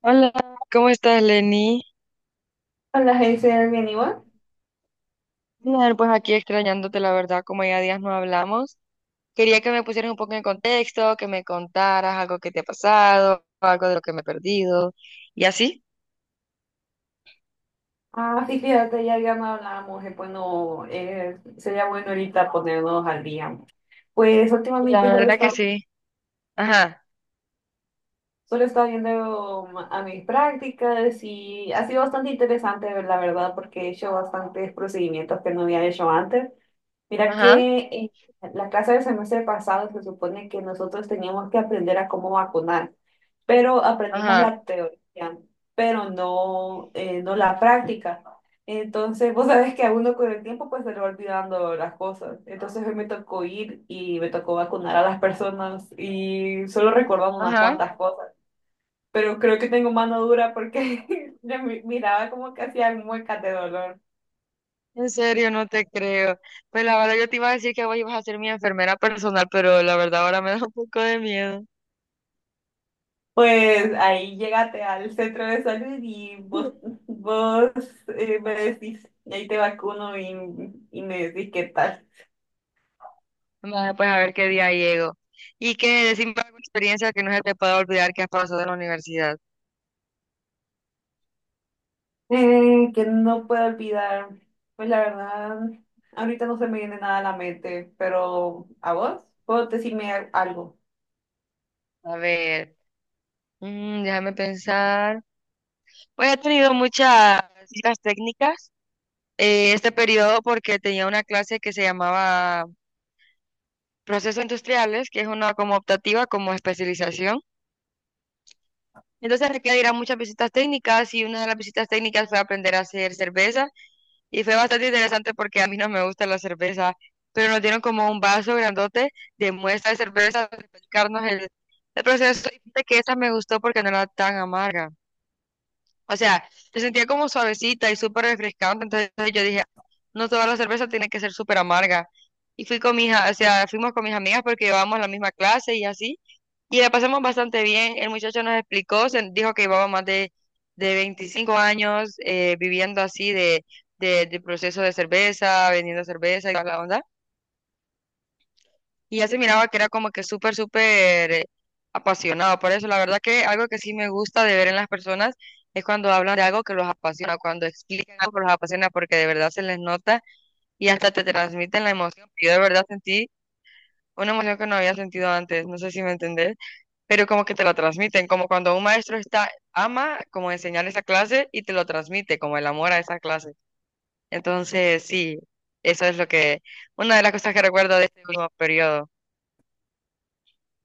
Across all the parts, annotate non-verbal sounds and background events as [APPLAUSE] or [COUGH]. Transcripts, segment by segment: Hola, ¿cómo estás, Lenny? Hola, Hazel, bien igual. Bien, pues aquí extrañándote, la verdad, como ya días no hablamos. Quería que me pusieras un poco en contexto, que me contaras algo que te ha pasado, algo de lo que me he perdido, y así. Ah, sí, fíjate, ya no hablábamos, bueno, sería bueno ahorita ponernos al día. Pues La últimamente solo he verdad que estado. sí. Ajá, Solo estaba viendo a mis prácticas y ha sido bastante interesante, la verdad, porque he hecho bastantes procedimientos que no había hecho antes. Mira ajá, que en la clase del semestre pasado se supone que nosotros teníamos que aprender a cómo vacunar, pero aprendimos ajá, la teoría, pero no, no la práctica. Entonces, vos sabés que a uno con el tiempo pues se le va olvidando las cosas. Entonces hoy me tocó ir y me tocó vacunar a las personas y solo recordando unas ajá. cuantas cosas, pero creo que tengo mano dura porque [LAUGHS] yo miraba como que hacía muecas de dolor. En serio, no te creo. Pues la verdad, yo te iba a decir que vos ibas a ser mi enfermera personal, pero la verdad ahora me [LAUGHS] da un poco de miedo. Pues ahí llégate al centro de salud y vos, [LAUGHS] vos me decís, y ahí te vacuno y me decís qué tal. Vaya, pues a ver qué día llego. Y que decime alguna experiencia que no se te pueda olvidar que has pasado en la universidad. Que no puedo olvidar, pues la verdad, ahorita no se me viene nada a la mente, pero ¿a vos? ¿Puedo decirme algo? A ver. Mm, déjame pensar. Pues he tenido muchas las técnicas este periodo porque tenía una clase que se llamaba Procesos Industriales, que es una como optativa, como especialización. Entonces requiere ir a muchas visitas técnicas y una de las visitas técnicas fue aprender a hacer cerveza y fue bastante interesante porque a mí no me gusta la cerveza, pero nos dieron como un vaso grandote de muestra de cerveza para explicarnos el proceso y fíjate que esa me gustó porque no era tan amarga. O sea, se sentía como suavecita y súper refrescante. Entonces yo dije, no toda la cerveza tiene que ser súper amarga. Y fui con mis, o sea, fuimos con mis amigas porque llevábamos la misma clase y así. Y la pasamos bastante bien. El muchacho nos explicó, se dijo que llevaba más de 25 años viviendo así de proceso de cerveza, vendiendo cerveza y toda la onda. Y ya se miraba que era como que súper, súper apasionado por eso. La verdad que algo que sí me gusta de ver en las personas es cuando hablan de algo que los apasiona, cuando explican algo que los apasiona, porque de verdad se les nota y hasta te transmiten la emoción. Yo de verdad sentí una emoción que no había sentido antes, no sé si me entendés, pero como que te lo transmiten, como cuando un maestro está, ama como enseñar esa clase y te lo transmite, como el amor a esa clase. Entonces, sí, eso es lo que, una de las cosas que recuerdo de este último periodo.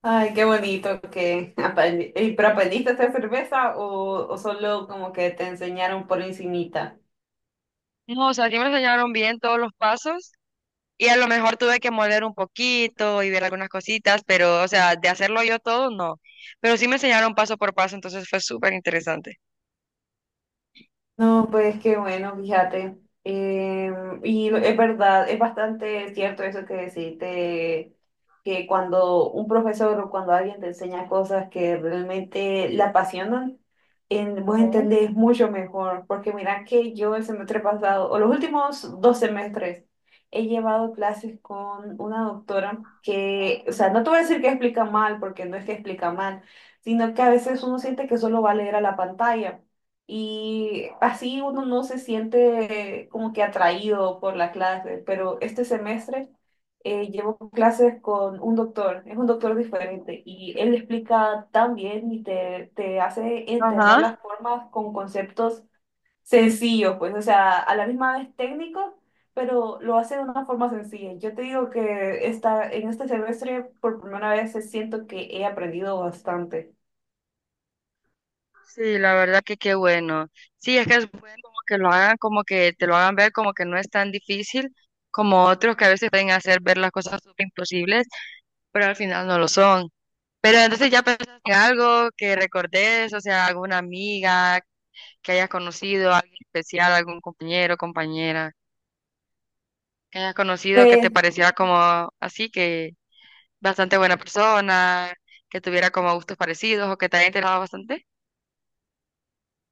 Ay, qué bonito que ¿pero aprendiste a hacer cerveza o solo como que te enseñaron por encimita? No, o sea, sí me enseñaron bien todos los pasos y a lo mejor tuve que moler un poquito y ver algunas cositas, pero, o sea, de hacerlo yo todo, no. Pero sí me enseñaron paso por paso, entonces fue súper interesante. No, pues qué bueno, fíjate. Eh, y es verdad, es bastante cierto eso que deciste, que cuando un profesor o cuando alguien te enseña cosas que realmente la apasionan, en, vos entendés mucho mejor. Porque mira que yo el semestre pasado, o los últimos dos semestres, he llevado clases con una doctora que, o sea, no te voy a decir que explica mal, porque no es que explica mal, sino que a veces uno siente que solo va a leer a la pantalla. Y así uno no se siente como que atraído por la clase, pero este semestre llevo clases con un doctor, es un doctor diferente y él explica tan bien y te hace entender Ajá. las formas con conceptos sencillos, pues, o sea, a la misma vez técnico, pero lo hace de una forma sencilla. Yo te digo que esta, en este semestre por primera vez siento que he aprendido bastante. Sí, la verdad que qué bueno. Sí, es que es bueno como que lo hagan, como que te lo hagan ver como que no es tan difícil como otros que a veces pueden hacer ver las cosas súper imposibles, pero al final no lo son. Pero entonces ya pensaste en algo que recordes, o sea, alguna amiga que hayas conocido, alguien especial, algún compañero, compañera, que hayas conocido que te Pues pareciera como así, que bastante buena persona, que tuviera como gustos parecidos o que te haya interesado bastante.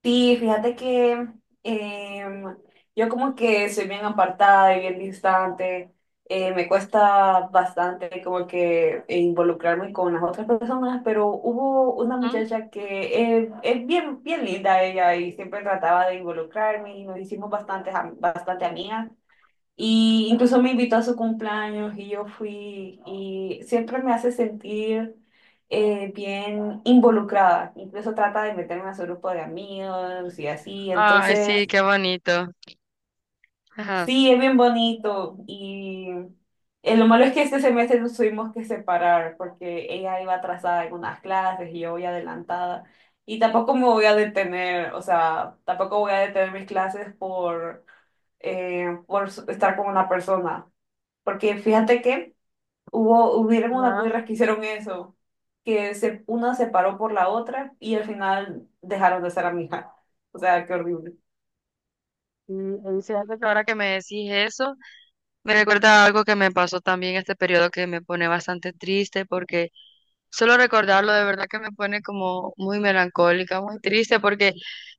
sí, fíjate que em, yo como que soy bien apartada y bien distante, me cuesta bastante como que involucrarme con las otras personas, pero hubo una Ujú. muchacha que es bien, bien linda ella y siempre trataba de involucrarme y nos hicimos bastante amigas. Y incluso me invitó a su cumpleaños y yo fui y siempre me hace sentir bien involucrada. Incluso trata de meterme a su grupo de amigos y así. Ay, sí, Entonces, qué bonito. Ajá. sí, es bien bonito. Y lo malo es que este semestre nos tuvimos que separar porque ella iba atrasada en unas clases y yo voy adelantada. Y tampoco me voy a detener, o sea, tampoco voy a detener mis clases por estar con una persona. Porque fíjate que hubieron unas Ajá. cuirras que hicieron eso, que se, una se paró por la otra y al final dejaron de ser amigas. O sea, qué horrible. Y fíjate que ahora que me decís eso, me recuerda a algo que me pasó también este periodo que me pone bastante triste porque solo recordarlo de verdad que me pone como muy melancólica, muy triste, porque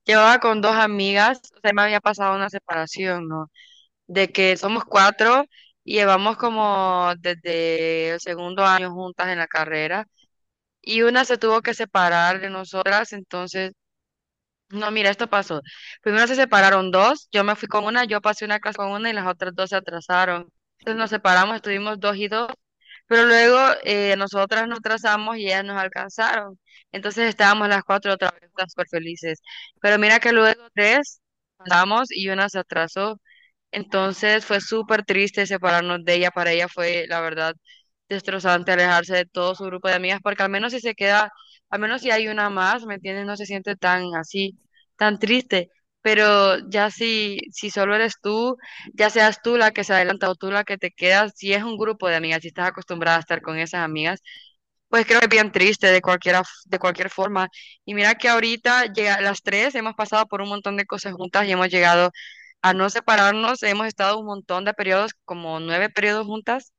llevaba con dos amigas, o sea, me había pasado una separación, ¿no? De que somos cuatro y llevamos como desde el segundo año juntas en la carrera y una se tuvo que separar de nosotras, entonces... No, mira, esto pasó. Primero se separaron dos, yo me fui con una, yo pasé una clase con una y las otras dos se atrasaron. Entonces nos separamos, estuvimos dos y dos, pero luego nosotras nos atrasamos y ellas nos alcanzaron. Entonces estábamos las cuatro otra vez todas súper felices. Pero mira que luego tres andamos y una se atrasó. Entonces fue súper triste separarnos de ella. Para ella fue, la verdad, destrozante alejarse de todo su grupo de amigas, porque al menos si se queda, al menos si hay una más, ¿me entiendes? No se siente tan así, tan triste. Pero ya si solo eres tú, ya seas tú la que se adelanta o tú la que te quedas, si es un grupo de amigas, si estás acostumbrada a estar con esas amigas, pues creo que es bien triste de cualquiera, de cualquier forma. Y mira que ahorita llega, las tres hemos pasado por un montón de cosas juntas y hemos llegado a no separarnos. Hemos estado un montón de periodos, como nueve periodos juntas,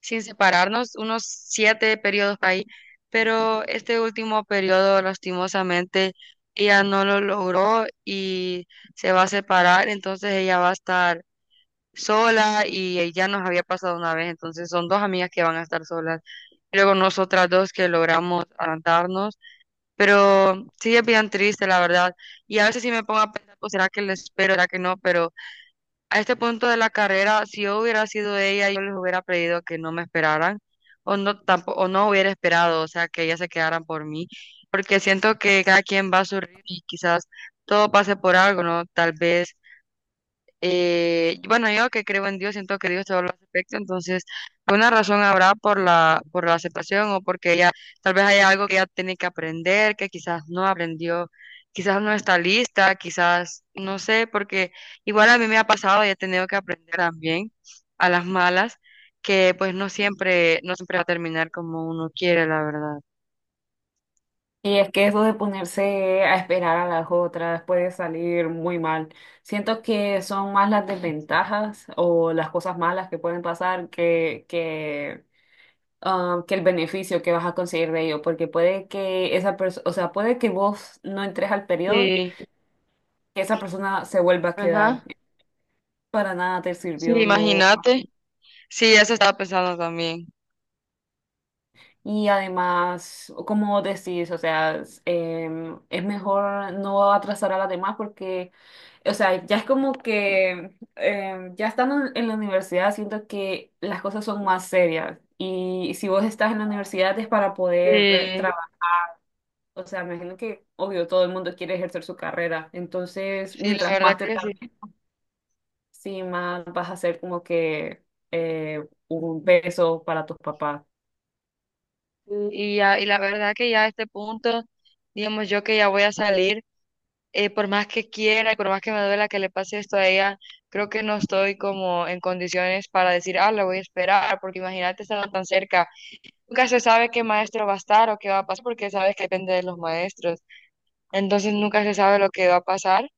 sin separarnos, unos siete periodos ahí. Pero este último periodo, lastimosamente, ella no lo logró y se va a separar. Entonces ella va a estar sola y ya nos había pasado una vez, entonces son dos amigas que van a estar solas. Y luego nosotras dos que logramos adelantarnos, pero sí es bien triste, la verdad. Y a veces sí me pongo a pensar, pues será que le espero, será que no, pero a este punto de la carrera, si yo hubiera sido ella, yo les hubiera pedido que no me esperaran o no, tampoco, o no hubiera esperado, o sea, que ellas se quedaran por mí, porque siento que cada quien va a su ritmo y quizás todo pase por algo, ¿no? Tal vez bueno, yo que creo en Dios, siento que Dios todo lo aspecto, entonces una razón habrá por por la aceptación o porque ella tal vez haya algo que ella tiene que aprender, que quizás no aprendió, quizás no está lista, quizás no sé, porque igual a mí me ha pasado y he tenido que aprender también a las malas, que pues no siempre, no siempre va a terminar como uno quiere, la verdad. Y es que eso de ponerse a esperar a las otras puede salir muy mal. Siento que son más las desventajas o las cosas malas que pueden pasar que que el beneficio que vas a conseguir de ello. Porque puede que esa persona, o sea, puede que vos no entres al periodo, Sí, que esa persona se vuelva a quedar. ajá, Para nada te sí, sirvió, no. imagínate, sí, eso estaba pensando también. Y además, como decís, o sea, es es mejor no atrasar a las demás porque, o sea, ya es como que, ya estando en la universidad, siento que las cosas son más serias. Y si vos estás en la universidad es para poder Sí. trabajar. O sea, me imagino que, obvio, todo el mundo quiere ejercer su carrera. Entonces, Sí, la mientras verdad más te que sí. tardes, sí, más vas a ser como que un peso para tus papás. Ya, y la verdad que ya a este punto, digamos yo que ya voy a salir, por más que quiera y por más que me duela que le pase esto a ella, creo que no estoy como en condiciones para decir, ah, la voy a esperar, porque imagínate estando tan cerca. Nunca se sabe qué maestro va a estar o qué va a pasar, porque sabes que depende de los maestros. Entonces nunca se sabe lo que va a pasar.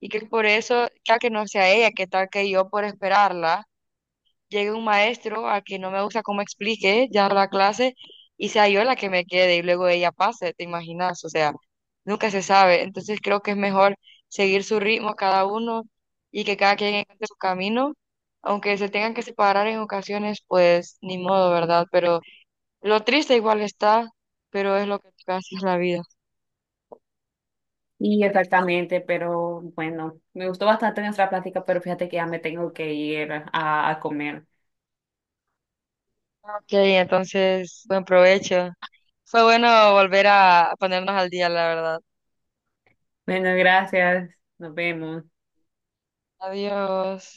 Y que por eso, ya que no sea ella, que tal que yo por esperarla llegue un maestro a que no me gusta cómo explique ya la clase y sea yo la que me quede y luego ella pase, ¿te imaginas? O sea, nunca se sabe. Entonces creo que es mejor seguir su ritmo cada uno y que cada quien encuentre su camino, aunque se tengan que separar en ocasiones, pues ni modo, ¿verdad? Pero lo triste igual está, pero es lo que casi es la vida. Y exactamente, pero bueno, me gustó bastante nuestra plática, pero fíjate que ya me tengo que ir a comer. Ok, entonces, buen provecho. Fue bueno volver a ponernos al día, la verdad. Bueno, gracias, nos vemos. Adiós.